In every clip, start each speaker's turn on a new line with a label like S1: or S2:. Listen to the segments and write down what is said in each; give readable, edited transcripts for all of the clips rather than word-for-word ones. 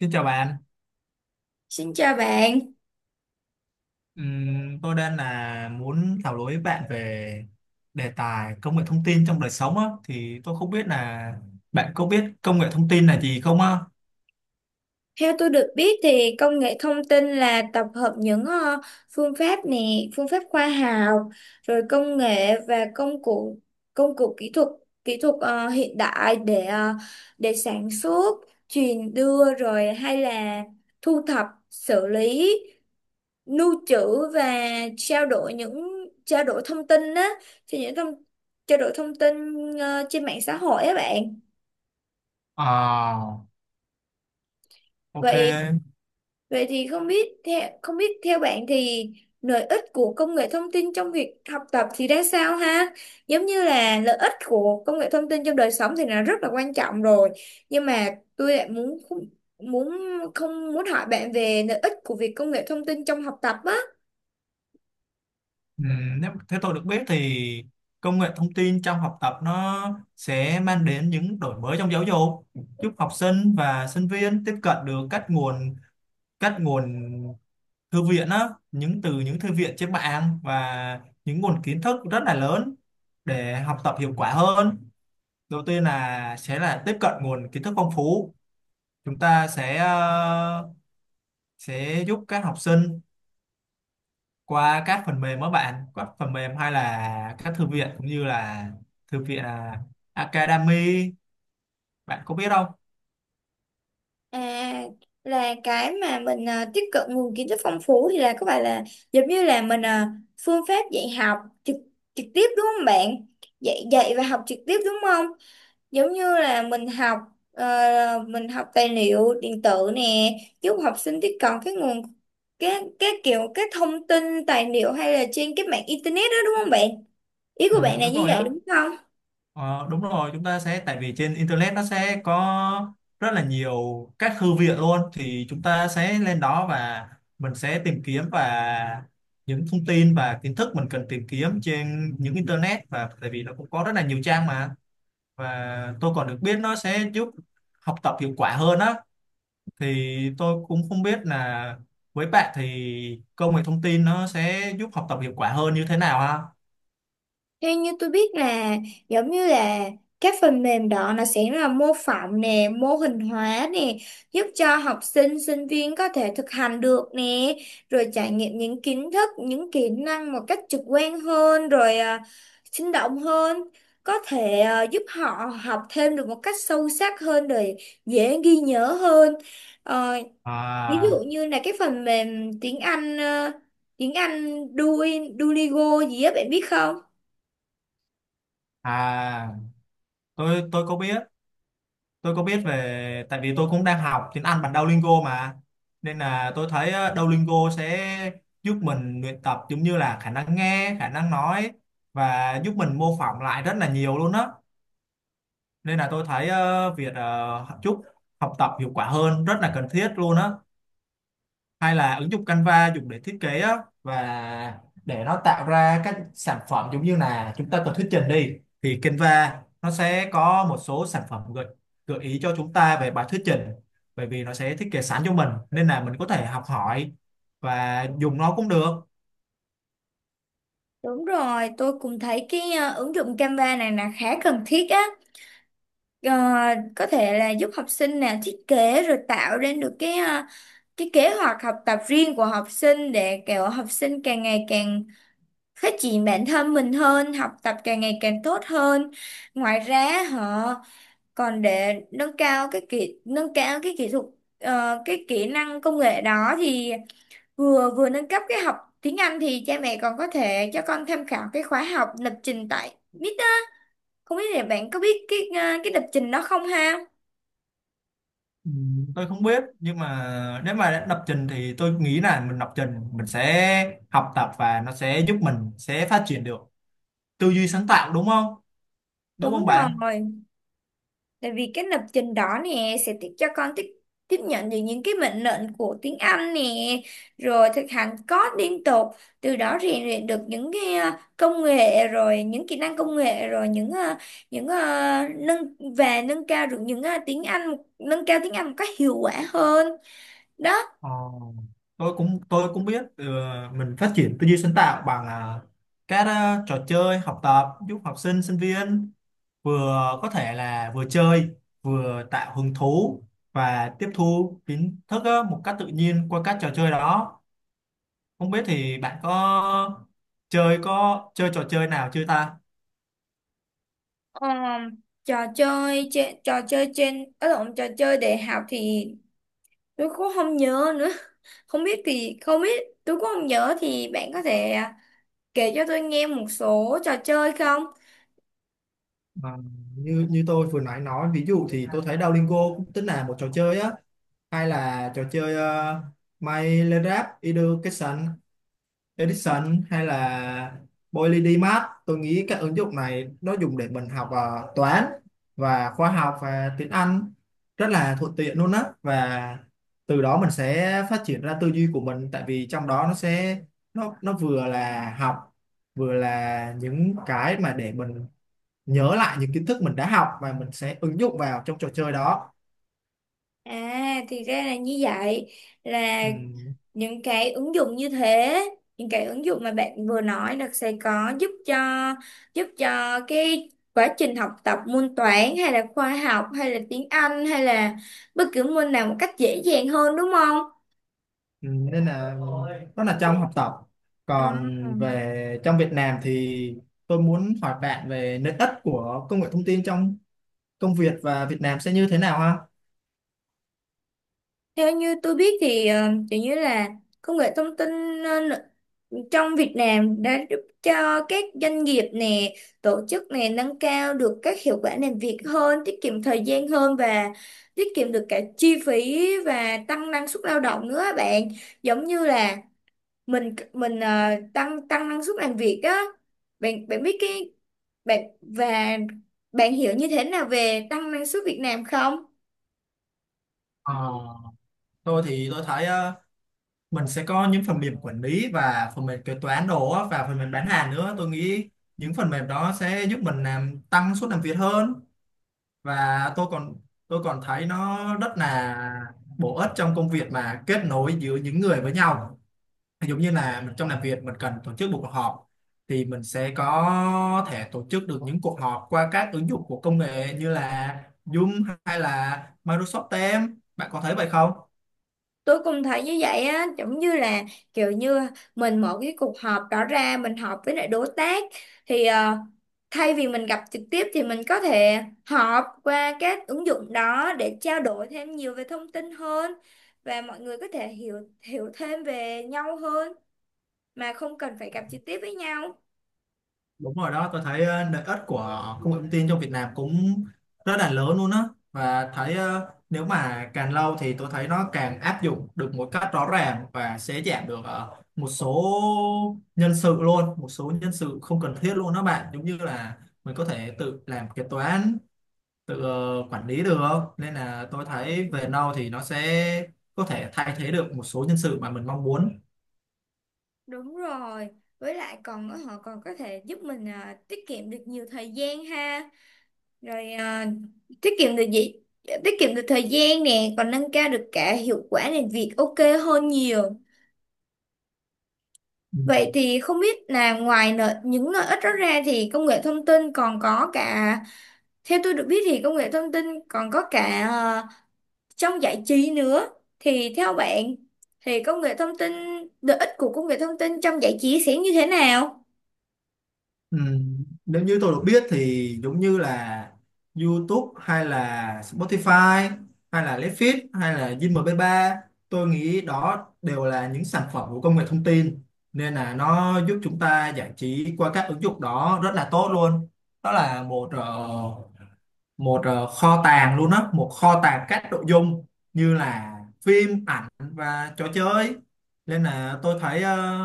S1: Xin chào bạn.
S2: Xin chào bạn.
S1: Tôi đang là muốn thảo luận với bạn về đề tài công nghệ thông tin trong đời sống á, thì tôi không biết là bạn có biết công nghệ thông tin là gì không á?
S2: Theo tôi được biết thì công nghệ thông tin là tập hợp những phương pháp nè, phương pháp khoa học, rồi công nghệ và công cụ kỹ thuật hiện đại để sản xuất, truyền đưa rồi hay là thu thập, xử lý, lưu trữ và trao đổi những trao đổi thông tin á, cho những thông trao đổi thông tin trên mạng xã hội á bạn.
S1: À, ok.
S2: Vậy Vậy thì không biết theo bạn thì lợi ích của công nghệ thông tin trong việc học tập thì ra sao ha? Giống như là lợi ích của công nghệ thông tin trong đời sống thì là rất là quan trọng rồi. Nhưng mà tôi lại muốn muốn không muốn hỏi bạn về lợi ích của việc công nghệ thông tin trong học tập á.
S1: Nếu thế tôi được biết thì công nghệ thông tin trong học tập nó sẽ mang đến những đổi mới trong giáo dục, giúp học sinh và sinh viên tiếp cận được các nguồn thư viện á, những từ những thư viện trên mạng và những nguồn kiến thức rất là lớn để học tập hiệu quả hơn. Đầu tiên là sẽ là tiếp cận nguồn kiến thức phong phú, chúng ta sẽ sẽ giúp các học sinh qua các phần mềm, các bạn các phần mềm hay là các thư viện cũng như là thư viện à, Academy, bạn có biết không?
S2: À, là cái mà mình à, tiếp cận nguồn kiến thức phong phú thì là có phải là giống như là mình à, phương pháp dạy học trực trực tiếp đúng không bạn? Dạy dạy và học trực tiếp đúng không? Giống như là mình học ờ, mình học tài liệu điện tử nè, giúp học sinh tiếp cận cái nguồn, cái kiểu cái thông tin tài liệu hay là trên cái mạng internet đó, đúng không bạn? Ý
S1: Ừ,
S2: của bạn là
S1: đúng
S2: như
S1: rồi
S2: vậy
S1: á.
S2: đúng không?
S1: Ờ, đúng rồi, chúng ta sẽ tại vì trên internet nó sẽ có rất là nhiều các thư viện luôn, thì chúng ta sẽ lên đó và mình sẽ tìm kiếm và những thông tin và kiến thức mình cần tìm kiếm trên những internet, và tại vì nó cũng có rất là nhiều trang mà. Và tôi còn được biết nó sẽ giúp học tập hiệu quả hơn á, thì tôi cũng không biết là với bạn thì công nghệ thông tin nó sẽ giúp học tập hiệu quả hơn như thế nào ha?
S2: Theo như tôi biết là giống như là các phần mềm đó nó sẽ là mô phỏng nè, mô hình hóa nè, giúp cho học sinh, sinh viên có thể thực hành được nè, rồi trải nghiệm những kiến thức, những kỹ năng một cách trực quan hơn, rồi sinh động hơn, có thể giúp họ học thêm được một cách sâu sắc hơn, rồi dễ ghi nhớ hơn. Ờ, Ví dụ
S1: À
S2: như là cái phần mềm tiếng Anh, tiếng Anh Duolingo gì á, bạn biết không?
S1: à, tôi có biết, tôi có biết về tại vì tôi cũng đang học tiếng Anh bằng Duolingo mà, nên là tôi thấy Duolingo sẽ giúp mình luyện tập giống như là khả năng nghe, khả năng nói, và giúp mình mô phỏng lại rất là nhiều luôn á. Nên là tôi thấy việc giúp học tập hiệu quả hơn rất là cần thiết luôn á. Hay là ứng dụng Canva dùng để thiết kế á, và để nó tạo ra các sản phẩm giống như là chúng ta cần thuyết trình đi, thì Canva nó sẽ có một số sản phẩm gợi gợi ý cho chúng ta về bài thuyết trình, bởi vì nó sẽ thiết kế sẵn cho mình nên là mình có thể học hỏi và dùng nó cũng được.
S2: Đúng rồi, tôi cũng thấy cái ờ, ứng dụng Canva này là khá cần thiết á. Ờ, có thể là giúp học sinh nè thiết kế rồi tạo ra được cái ờ, cái kế hoạch học tập riêng của học sinh để kiểu học sinh càng ngày càng phát triển bản thân mình hơn, học tập càng ngày càng tốt hơn. Ngoài ra họ còn để nâng cao cái kỹ thuật ờ, cái kỹ năng công nghệ đó thì vừa vừa nâng cấp cái học tiếng Anh thì cha mẹ còn có thể cho con tham khảo cái khóa học lập trình tại MIT á. Không biết là bạn có biết cái à, cái lập trình đó không ha?
S1: Ừ, tôi không biết, nhưng mà nếu mà đã lập trình thì tôi nghĩ là mình lập trình mình sẽ học tập và nó sẽ giúp mình sẽ phát triển được tư duy sáng tạo, đúng không, đúng
S2: Đúng
S1: không
S2: rồi,
S1: bạn?
S2: tại vì cái lập trình đó nè sẽ tiếp cho con tiếp tiếp nhận được những cái mệnh lệnh của tiếng Anh nè, rồi thực hành code liên tục, từ đó rèn luyện được những cái à, công nghệ rồi những kỹ năng công nghệ rồi nâng cao được những à, tiếng Anh, nâng cao tiếng Anh một cách hiệu quả hơn đó.
S1: Ờ, tôi cũng biết ừ, mình phát triển tư duy sáng tạo bằng à, các à, trò chơi học tập giúp học sinh sinh viên vừa có thể là vừa chơi, vừa tạo hứng thú và tiếp thu kiến thức á, một cách tự nhiên qua các trò chơi đó. Không biết thì bạn có chơi, có chơi trò chơi nào chưa ta?
S2: Ờ, trò chơi trên ở lộn trò chơi đại học thì tôi cũng không nhớ nữa, không biết thì không biết tôi cũng không nhớ, thì bạn có thể kể cho tôi nghe một số trò chơi không?
S1: Ờ, như như tôi vừa nói ví dụ thì tôi thấy Duolingo cũng tính là một trò chơi á, hay là trò chơi uh, My Little Education, Edison hay là PolyDMath. Tôi nghĩ các ứng dụng này nó dùng để mình học toán và khoa học và tiếng Anh rất là thuận tiện luôn á, và từ đó mình sẽ phát triển ra tư duy của mình, tại vì trong đó nó sẽ nó vừa là học, vừa là những cái mà để mình nhớ lại những kiến thức mình đã học và mình sẽ ứng dụng vào trong trò chơi đó.
S2: À thì ra là như vậy, là
S1: Ừm,
S2: những cái ứng dụng như thế, những cái ứng dụng mà bạn vừa nói là sẽ có giúp cho cái quá trình học tập môn toán hay là khoa học hay là tiếng Anh hay là bất cứ môn nào một cách dễ dàng hơn đúng không?
S1: Ừ, nên là đó là trong học tập,
S2: À,
S1: còn về trong Việt Nam thì tôi muốn hỏi bạn về lợi ích của công nghệ thông tin trong công việc và Việt Nam sẽ như thế nào ha?
S2: theo như tôi biết thì ờ, kiểu như là công nghệ thông tin ờ, n- trong Việt Nam đã giúp cho các doanh nghiệp nè, tổ chức nè nâng cao được các hiệu quả làm việc hơn, tiết kiệm thời gian hơn và tiết kiệm được cả chi phí và tăng năng suất lao động nữa á bạn. Giống như là mình ờ, tăng tăng năng suất làm việc á. Bạn bạn biết cái bạn và bạn hiểu như thế nào về tăng năng suất Việt Nam không?
S1: Ờ, tôi thì tôi thấy mình sẽ có những phần mềm quản lý và phần mềm kế toán đồ á, và phần mềm bán hàng nữa, tôi nghĩ những phần mềm đó sẽ giúp mình làm tăng suất làm việc hơn. Và tôi còn thấy nó rất là bổ ích trong công việc mà kết nối giữa những người với nhau, giống như là mình trong làm việc mình cần tổ chức một cuộc họp, thì mình sẽ có thể tổ chức được những cuộc họp qua các ứng dụng của công nghệ như là Zoom hay là Microsoft Teams. Bạn có thấy vậy không?
S2: Tôi cũng thấy như vậy á, giống như là kiểu như mình mở cái cuộc họp đó ra mình họp với lại đối tác thì ờ, thay vì mình gặp trực tiếp thì mình có thể họp qua các ứng dụng đó để trao đổi thêm nhiều về thông tin hơn và mọi người có thể hiểu hiểu thêm về nhau hơn mà không cần phải gặp trực tiếp với nhau.
S1: Đúng rồi đó, tôi thấy lợi ích của công nghệ thông tin trong Việt Nam cũng rất là lớn luôn á. Và thấy nếu mà càng lâu thì tôi thấy nó càng áp dụng được một cách rõ ràng và sẽ giảm được một số nhân sự luôn, một số nhân sự không cần thiết luôn đó bạn, giống như là mình có thể tự làm kế toán, tự quản lý được, nên là tôi thấy về lâu thì nó sẽ có thể thay thế được một số nhân sự mà mình mong muốn.
S2: Đúng rồi, với lại còn họ còn có thể giúp mình ờ, tiết kiệm được nhiều thời gian ha, rồi à, tiết kiệm được gì tiết kiệm được thời gian nè, còn nâng cao được cả hiệu quả làm việc, ok, hơn nhiều.
S1: Ừ.
S2: Vậy thì không biết là những lợi ích đó ra thì công nghệ thông tin còn có cả theo tôi được biết thì công nghệ thông tin còn có cả à, trong giải trí nữa, thì theo bạn thì công nghệ thông tin lợi ích của công nghệ thông tin trong giải trí sẽ như thế nào?
S1: Ừ, nếu như tôi được biết thì giống như là YouTube hay là Spotify hay là Netflix hay là Zing mp, tôi nghĩ đó đều là những sản phẩm của công nghệ thông tin, nên là nó giúp chúng ta giải trí qua các ứng dụng đó rất là tốt luôn. Đó là kho tàng luôn á, một kho tàng các nội dung như là phim ảnh và trò chơi, nên là tôi thấy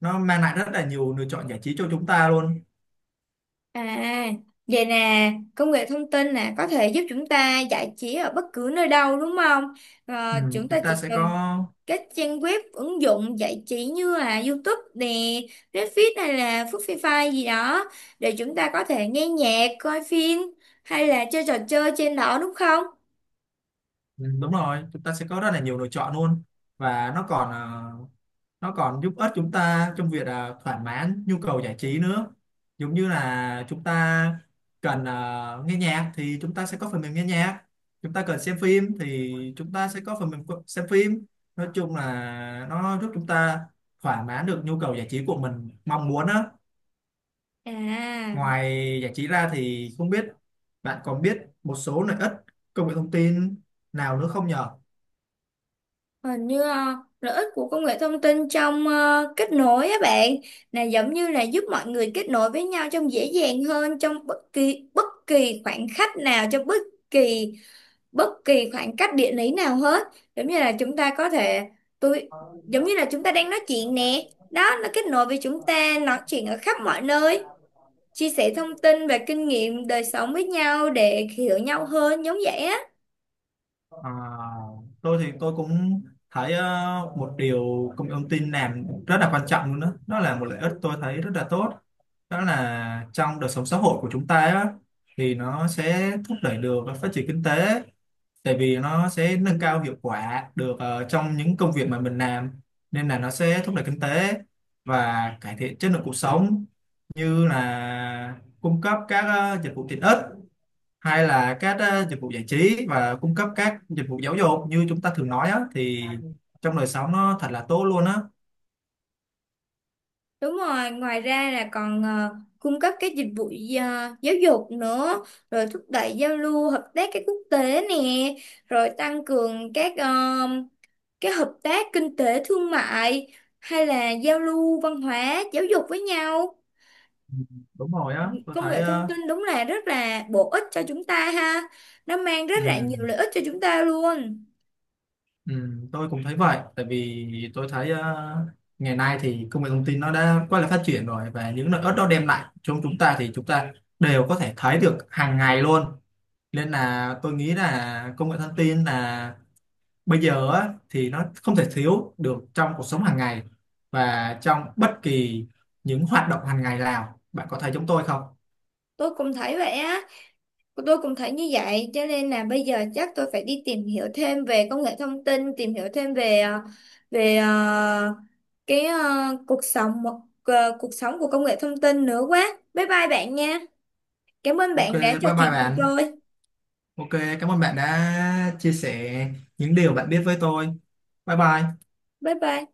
S1: nó mang lại rất là nhiều lựa chọn giải trí cho chúng ta luôn.
S2: À, vậy nè, công nghệ thông tin nè, có thể giúp chúng ta giải trí ở bất cứ nơi đâu đúng không? Ờ,
S1: Ừ,
S2: chúng ta
S1: chúng ta
S2: chỉ
S1: sẽ có.
S2: cần các trang web, ứng dụng giải trí như là YouTube nè, Netflix hay là Spotify gì đó để chúng ta có thể nghe nhạc, coi phim hay là chơi trò chơi trên đó đúng không?
S1: Ừ, đúng rồi, chúng ta sẽ có rất là nhiều lựa chọn luôn. Và nó còn giúp ích chúng ta trong việc thỏa mãn nhu cầu giải trí nữa, giống như là chúng ta cần nghe nhạc thì chúng ta sẽ có phần mềm nghe nhạc, chúng ta cần xem phim thì chúng ta sẽ có phần mềm co- xem phim. Nói chung là nó giúp chúng ta thỏa mãn được nhu cầu giải trí của mình mong muốn á.
S2: À.
S1: Ngoài giải trí ra thì không biết bạn còn biết một số lợi ích công nghệ thông tin nào nữa không nhờ?
S2: Hình như ờ, lợi ích của công nghệ thông tin trong ờ, kết nối á bạn, là giống như là giúp mọi người kết nối với nhau trong dễ dàng hơn trong bất kỳ khoảng cách nào, trong kỳ bất kỳ khoảng cách địa lý nào hết, giống như là chúng ta có thể tôi giống như là chúng ta đang nói chuyện nè đó, nó kết nối với chúng ta nói chuyện ở khắp mọi nơi, chia sẻ thông tin và kinh nghiệm đời sống với nhau để hiểu nhau hơn giống vậy á.
S1: À, tôi thì tôi cũng thấy một điều công nghệ thông tin làm rất là quan trọng luôn đó. Đó là một lợi ích tôi thấy rất là tốt. Đó là trong đời sống xã hội của chúng ta á, thì nó sẽ thúc đẩy được phát triển kinh tế, tại vì nó sẽ nâng cao hiệu quả được trong những công việc mà mình làm, nên là nó sẽ thúc đẩy kinh tế và cải thiện chất lượng cuộc sống, như là cung cấp các dịch vụ tiện ích hay là các dịch vụ giải trí và cung cấp các dịch vụ giáo dục như chúng ta thường nói á, thì trong đời sống nó thật là tốt luôn á.
S2: Đúng rồi, ngoài ra là còn ờ, cung cấp các dịch vụ ờ, giáo dục nữa, rồi thúc đẩy giao lưu hợp tác các quốc tế nè, rồi tăng cường các ờ, cái hợp tác kinh tế thương mại hay là giao lưu văn hóa giáo dục với nhau.
S1: Ừ, đúng rồi á, tôi
S2: Công
S1: thấy
S2: nghệ thông
S1: ờ,
S2: tin đúng là rất là bổ ích cho chúng ta ha. Nó mang rất
S1: ừ.
S2: là nhiều lợi ích cho chúng ta luôn.
S1: Ừ, tôi cũng thấy vậy, tại vì tôi thấy ngày nay thì công nghệ thông tin nó đã quá là phát triển rồi, và những lợi ích đó đem lại cho chúng ta thì chúng ta đều có thể thấy được hàng ngày luôn, nên là tôi nghĩ là công nghệ thông tin là bây giờ á, thì nó không thể thiếu được trong cuộc sống hàng ngày và trong bất kỳ những hoạt động hàng ngày nào. Bạn có thấy chúng tôi không?
S2: Tôi cũng thấy vậy á. Tôi cũng thấy như vậy, cho nên là bây giờ chắc tôi phải đi tìm hiểu thêm về công nghệ thông tin, tìm hiểu thêm về ờ, cái ờ, cuộc sống một ờ, cuộc sống của công nghệ thông tin nữa quá. Bye bye bạn nha. Cảm ơn
S1: Ok,
S2: bạn đã
S1: bye
S2: trò
S1: bye
S2: chuyện cùng
S1: bạn.
S2: tôi.
S1: Ok, cảm ơn bạn đã chia sẻ những điều bạn biết với tôi. Bye bye.
S2: Bye bye.